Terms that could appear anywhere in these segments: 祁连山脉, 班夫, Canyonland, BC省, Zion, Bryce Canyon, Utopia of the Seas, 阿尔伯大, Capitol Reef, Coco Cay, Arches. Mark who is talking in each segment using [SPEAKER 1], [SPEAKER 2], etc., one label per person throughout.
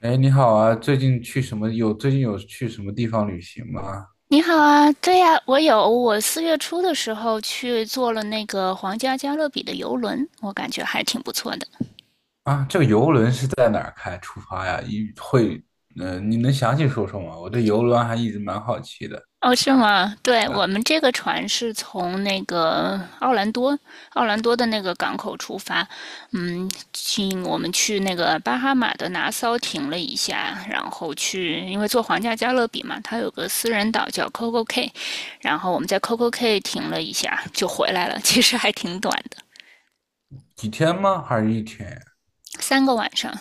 [SPEAKER 1] 哎，你好啊！最近有去什么地方旅行吗？
[SPEAKER 2] 你好啊，对呀，我有，我4月初的时候去坐了那个皇家加勒比的游轮，我感觉还挺不错的。
[SPEAKER 1] 啊，这个游轮是在哪儿开出发呀？你能详细说说吗？我对游轮还一直蛮好奇的。
[SPEAKER 2] 哦，是吗？对，
[SPEAKER 1] 对啊，
[SPEAKER 2] 我们这个船是从那个奥兰多的那个港口出发，我们去那个巴哈马的拿骚停了一下，然后去，因为坐皇家加勒比嘛，它有个私人岛叫 Coco Cay，然后我们在 Coco Cay 停了一下就回来了，其实还挺短的，
[SPEAKER 1] 几天吗？还是一天呀？
[SPEAKER 2] 三个晚上。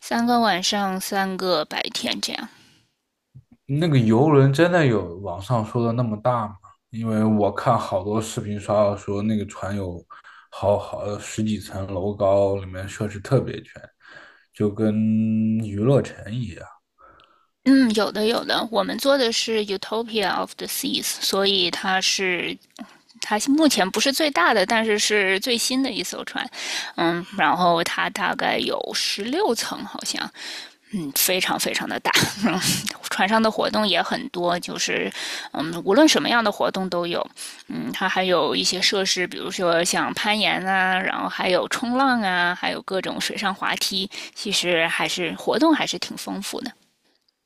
[SPEAKER 2] 三个晚上，三个白天这样。
[SPEAKER 1] 那个游轮真的有网上说的那么大吗？因为我看好多视频刷到说那个船有好十几层楼高，里面设施特别全，就跟娱乐城一样。
[SPEAKER 2] 嗯，有的有的，我们做的是 Utopia of the Seas，所以它目前不是最大的，但是是最新的一艘船。然后它大概有16层，好像，非常非常的大。船上的活动也很多，就是无论什么样的活动都有。它还有一些设施，比如说像攀岩啊，然后还有冲浪啊，还有各种水上滑梯，其实活动还是挺丰富的。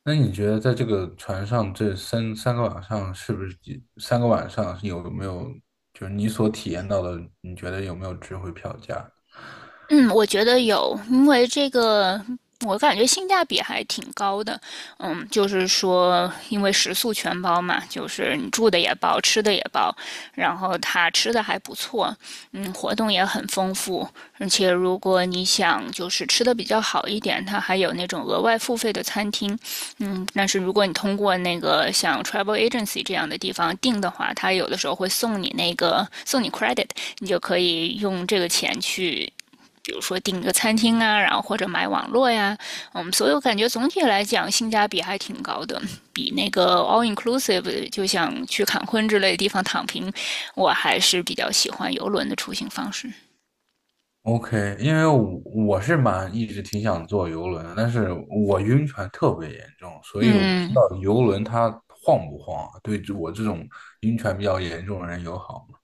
[SPEAKER 1] 那你觉得在这个船上这三个晚上，是不是三个晚上有没有就是你所体验到的，你觉得有没有值回票价
[SPEAKER 2] 嗯，我觉得有，因为这个我感觉性价比还挺高的。就是说，因为食宿全包嘛，就是你住的也包，吃的也包，然后它吃的还不错，活动也很丰富，而且如果你想就是吃的比较好一点，它还有那种额外付费的餐厅。但是如果你通过那个像 travel agency 这样的地方订的话，它有的时候会送你 credit，你就可以用这个钱去比如说订个餐厅啊，然后或者买网络呀，所以我感觉总体来讲性价比还挺高的，比那个 all inclusive 就像去坎昆之类的地方躺平，我还是比较喜欢游轮的出行方式。
[SPEAKER 1] ？OK，因为我是蛮一直挺想坐游轮的，但是我晕船特别严重，所以我不知
[SPEAKER 2] 嗯，
[SPEAKER 1] 道游轮它晃不晃啊对我这种晕船比较严重的人友好吗？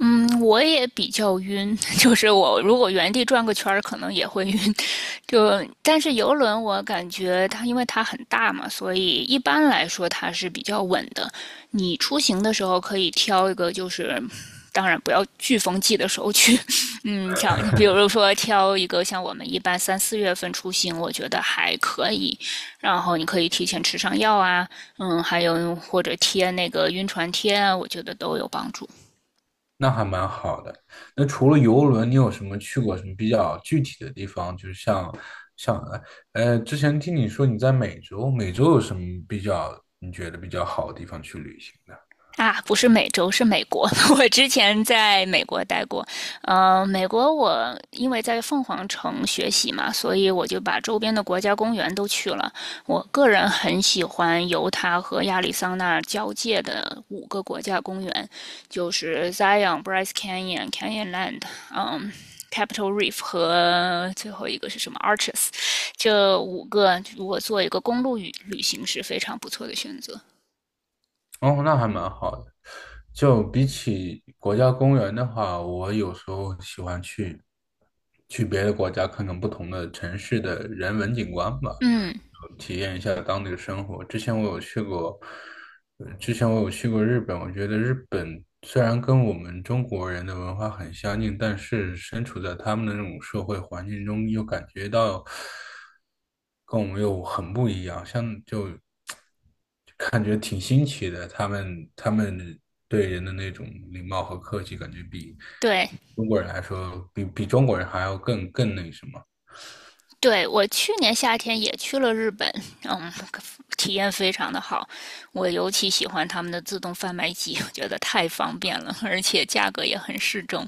[SPEAKER 2] 嗯，我也比较晕，就是我如果原地转个圈儿，可能也会晕。但是游轮，我感觉它因为它很大嘛，所以一般来说它是比较稳的。你出行的时候可以挑一个，就是当然不要飓风季的时候去。像你比如说挑一个像我们一般三四月份出行，我觉得还可以。然后你可以提前吃上药啊，还有或者贴那个晕船贴啊，我觉得都有帮助。
[SPEAKER 1] 那还蛮好的。那除了游轮，你有什么去过什么比较具体的地方？就是像像呃，之前听你说你在美洲，美洲有什么比较你觉得比较好的地方去旅行的？
[SPEAKER 2] 啊，不是美洲，是美国。我之前在美国待过，美国我因为在凤凰城学习嘛，所以我就把周边的国家公园都去了。我个人很喜欢犹他和亚利桑那交界的五个国家公园，就是 Zion、Bryce Canyon、Canyonland，嗯。Capitol Reef 和最后一个是什么？Arches，这五个如果做一个公路旅行是非常不错的选择。
[SPEAKER 1] 哦，那还蛮好的。就比起国家公园的话，我有时候喜欢去别的国家看看不同的城市的人文景观吧。
[SPEAKER 2] 嗯，
[SPEAKER 1] 体验一下当地的生活。之前我有去过日本，我觉得日本虽然跟我们中国人的文化很相近，但是身处在他们的那种社会环境中，又感觉到跟我们又很不一样，感觉挺新奇的。他们对人的那种礼貌和客气，感觉比
[SPEAKER 2] 对，
[SPEAKER 1] 中国人来说，比中国人还要更那什么。
[SPEAKER 2] 对，我去年夏天也去了日本，嗯，体验非常的好。我尤其喜欢他们的自动贩卖机，我觉得太方便了，而且价格也很适中。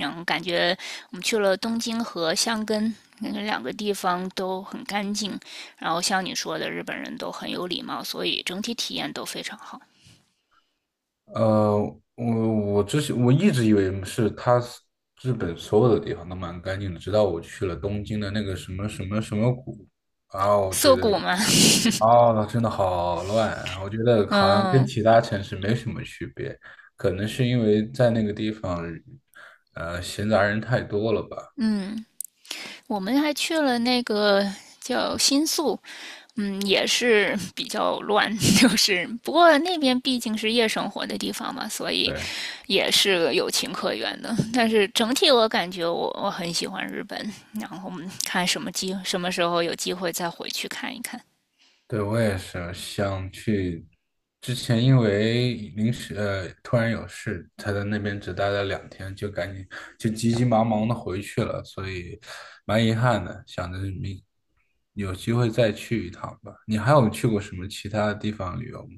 [SPEAKER 2] 感觉我们去了东京和箱根，那两个地方都很干净。然后像你说的，日本人都很有礼貌，所以整体体验都非常好。
[SPEAKER 1] 呃，我之前我一直以为它是日本所有的地方都蛮干净的，直到我去了东京的那个什么什么什么谷，然后我觉
[SPEAKER 2] 涩
[SPEAKER 1] 得
[SPEAKER 2] 谷嘛，
[SPEAKER 1] 啊，那真的好乱啊我觉得 好像跟
[SPEAKER 2] 嗯
[SPEAKER 1] 其他城市没什么区别，可能是因为在那个地方，闲杂人太多了吧。
[SPEAKER 2] 嗯。我们还去了那个叫新宿，也是 比较乱，就是不过那边毕竟是夜生活的地方嘛，所以
[SPEAKER 1] 对。
[SPEAKER 2] 也是有情可原的。但是整体我感觉我很喜欢日本，然后我们看什么机什么时候有机会再回去看一看。
[SPEAKER 1] 对，我也是想去。之前因为临时突然有事，才在那边只待了2天，就赶紧就急急忙忙的回去了，所以蛮遗憾的。想着有机会再去一趟吧。你还有去过什么其他的地方旅游吗？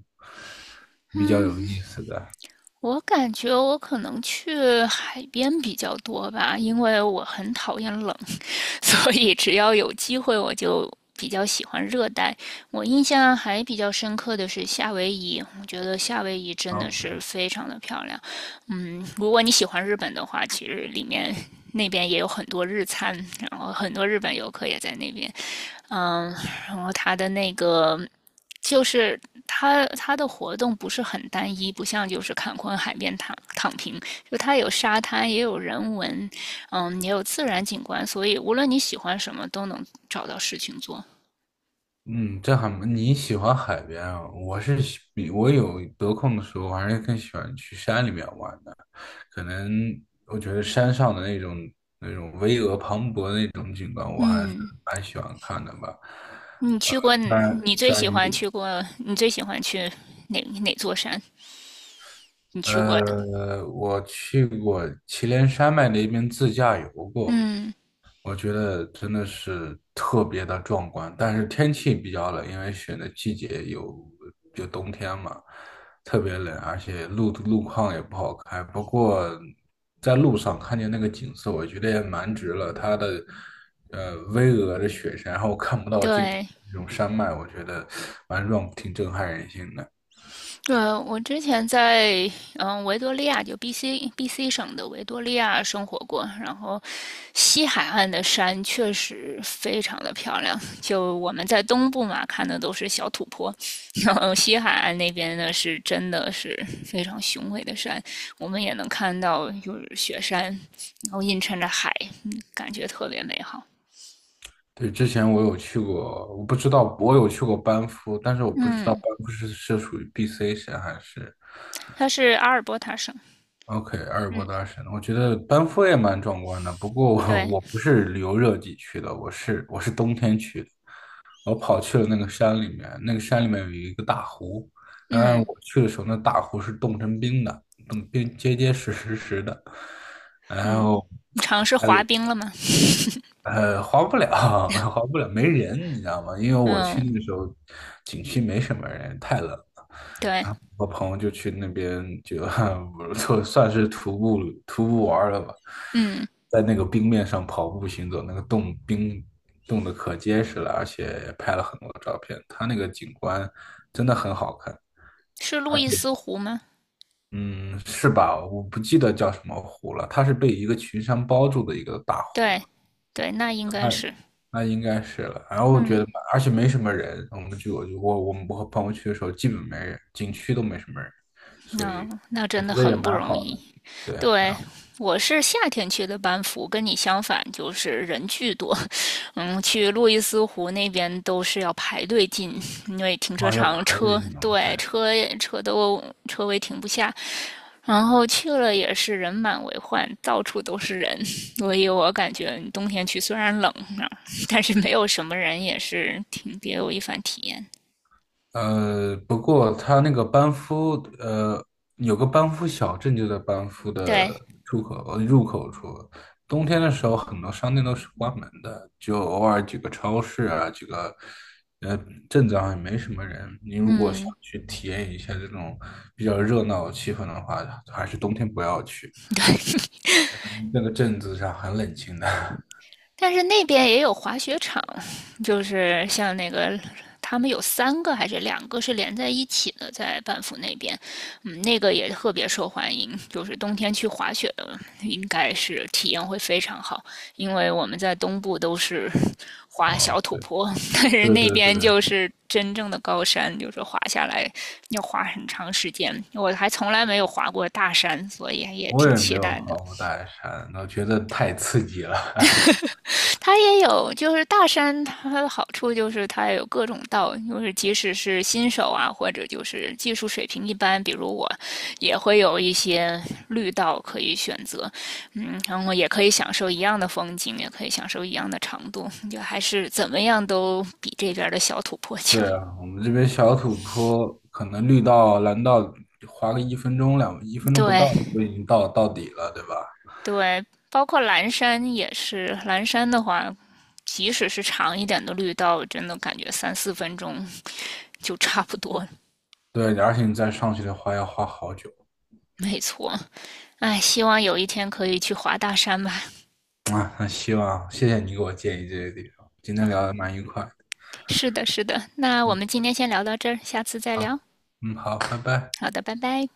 [SPEAKER 1] 比较有意思的？
[SPEAKER 2] 我感觉我可能去海边比较多吧，因为我很讨厌冷，所以只要有机会，我就比较喜欢热带。我印象还比较深刻的是夏威夷，我觉得夏威夷真的是非常的漂亮。如果你喜欢日本的话，其实那边也有很多日餐，然后很多日本游客也在那边。嗯，然后它的那个就是它它的活动不是很单一，不像就是坎昆海边躺平，就它有沙滩，也有人文，也有自然景观，所以无论你喜欢什么，都能找到事情做。
[SPEAKER 1] 嗯，这还蛮你喜欢海边啊？我是喜比我有得空的时候，我还是更喜欢去山里面玩的。可能我觉得山上的那种巍峨磅礴的那种景观，我还是
[SPEAKER 2] 嗯，
[SPEAKER 1] 蛮喜欢看的吧。
[SPEAKER 2] 你去过，
[SPEAKER 1] 虽然
[SPEAKER 2] 你最
[SPEAKER 1] 虽然
[SPEAKER 2] 喜欢去过，你最喜欢去哪座山？你去过的？
[SPEAKER 1] 呃，我去过祁连山脉那边自驾游过，
[SPEAKER 2] 嗯，
[SPEAKER 1] 我觉得真的是特别的壮观，但是天气比较冷，因为选的季节就冬天嘛，特别冷，而且路况也不好开。不过在路上看见那个景色，我觉得也蛮值了。它的巍峨的雪山，然后看不到尽头
[SPEAKER 2] 对，
[SPEAKER 1] 那种山脉，我觉得挺震撼人心的。
[SPEAKER 2] 对，我之前在维多利亚，就 B.C. 省的维多利亚生活过，然后西海岸的山确实非常的漂亮。就我们在东部嘛，看的都是小土坡，然后西海岸那边呢真的是非常雄伟的山，我们也能看到就是雪山，然后映衬着海，感觉特别美好。
[SPEAKER 1] 对，之前我有去过，我不知道我有去过班夫，但是我不知道班
[SPEAKER 2] 嗯，
[SPEAKER 1] 夫是属于 BC 省还是。
[SPEAKER 2] 它是阿尔伯塔省。
[SPEAKER 1] OK，阿尔伯
[SPEAKER 2] 嗯，
[SPEAKER 1] 大神，我觉得班夫也蛮壮观的。不过我
[SPEAKER 2] 对，
[SPEAKER 1] 我不是旅游热季去的，我是冬天去的。我跑去了那个山里面，那个山里面有一个大湖。嗯，
[SPEAKER 2] 嗯
[SPEAKER 1] 我去的时候，那大湖是冻成冰的，冻冰结结实实实的。然
[SPEAKER 2] 嗯，
[SPEAKER 1] 后，
[SPEAKER 2] 你尝试
[SPEAKER 1] 哎，
[SPEAKER 2] 滑冰了吗？
[SPEAKER 1] 滑不了，滑不了，没人，你知道吗？因为我去
[SPEAKER 2] 嗯。
[SPEAKER 1] 那个时候，景区没什么人，太冷。
[SPEAKER 2] 对，
[SPEAKER 1] 然后我朋友就去那边就 就算是徒步玩儿了吧，
[SPEAKER 2] 嗯，
[SPEAKER 1] 在那个冰面上跑步行走，那个冻冰冻得可结实了，而且拍了很多照片。它那个景观真的很好看，
[SPEAKER 2] 是路
[SPEAKER 1] 而
[SPEAKER 2] 易
[SPEAKER 1] 且
[SPEAKER 2] 斯湖吗？
[SPEAKER 1] 嗯，是吧？我不记得叫什么湖了，它是被一个群山包住的一个大湖。
[SPEAKER 2] 对，对，那应该
[SPEAKER 1] 那。
[SPEAKER 2] 是，
[SPEAKER 1] 那应该是了。然后我觉
[SPEAKER 2] 嗯，
[SPEAKER 1] 得而且没什么人，我们就我就我我们我和朋友去的时候，基本没人，景区都没什么人，所
[SPEAKER 2] 那
[SPEAKER 1] 以
[SPEAKER 2] 那
[SPEAKER 1] 我
[SPEAKER 2] 真的
[SPEAKER 1] 觉得也
[SPEAKER 2] 很不
[SPEAKER 1] 蛮
[SPEAKER 2] 容
[SPEAKER 1] 好
[SPEAKER 2] 易。
[SPEAKER 1] 的。对，蛮
[SPEAKER 2] 对，
[SPEAKER 1] 好。
[SPEAKER 2] 我是夏天去的班夫，跟你相反，就是人巨多。去路易斯湖那边都是要排队进，因为停车
[SPEAKER 1] 哇，要
[SPEAKER 2] 场
[SPEAKER 1] 爬越
[SPEAKER 2] 车，
[SPEAKER 1] 岭，
[SPEAKER 2] 对，车位停不下。然后去了也是人满为患，到处都是人，所以我感觉冬天去虽然冷啊但是没有什么人也是挺别有一番体验。
[SPEAKER 1] 不过它那个班夫，呃，有个班夫小镇就在班夫
[SPEAKER 2] 对，
[SPEAKER 1] 的出口，入口处。冬天的时候，很多商店都是关门的，就偶尔几个超市啊，呃镇子上也没什么人。你如果想
[SPEAKER 2] 嗯，
[SPEAKER 1] 去体验一下这种比较热闹的气氛的话，还是冬天不要去，
[SPEAKER 2] 对，
[SPEAKER 1] 那个镇子上很冷清的。
[SPEAKER 2] 但是那边也有滑雪场，就是像那个他们有三个还是两个是连在一起的，在班夫那边，那个也特别受欢迎，就是冬天去滑雪的应该是体验会非常好，因为我们在东部都是 滑小
[SPEAKER 1] 哦，
[SPEAKER 2] 土
[SPEAKER 1] 对
[SPEAKER 2] 坡，但是
[SPEAKER 1] 对
[SPEAKER 2] 那
[SPEAKER 1] 对
[SPEAKER 2] 边
[SPEAKER 1] 对，
[SPEAKER 2] 就是真正的高山，就是滑下来要滑很长时间，我还从来没有滑过大山，所以也
[SPEAKER 1] 我
[SPEAKER 2] 挺
[SPEAKER 1] 也没
[SPEAKER 2] 期
[SPEAKER 1] 有
[SPEAKER 2] 待
[SPEAKER 1] 爬
[SPEAKER 2] 的。
[SPEAKER 1] 过大山，我觉得太刺激了。
[SPEAKER 2] 它也有，就是大山它的好处就是它有各种道，就是即使是新手啊，或者就是技术水平一般，比如我，也会有一些绿道可以选择，然后也可以享受一样的风景，也可以享受一样的长度，就还是怎么样都比这边的小土坡强。
[SPEAKER 1] 对啊，我们这边小土坡可能绿道、蓝道滑个一 分钟不到
[SPEAKER 2] 对
[SPEAKER 1] 就已经到底了，对吧？
[SPEAKER 2] 对，包括蓝山也是，蓝山的话，即使是长一点的绿道，真的感觉三四分钟就差不多
[SPEAKER 1] 对，而且你再上去的话要花好久
[SPEAKER 2] 没错，哎，希望有一天可以去滑大山吧。
[SPEAKER 1] 啊。那希望谢谢你给我建议这些地方，今天
[SPEAKER 2] 啊，
[SPEAKER 1] 聊
[SPEAKER 2] 哦
[SPEAKER 1] 得蛮愉快的。
[SPEAKER 2] 是的，是的。那我
[SPEAKER 1] 嗯，
[SPEAKER 2] 们今天先聊到这儿，下次再聊。
[SPEAKER 1] 好，嗯，好，拜拜。
[SPEAKER 2] 好的，拜拜。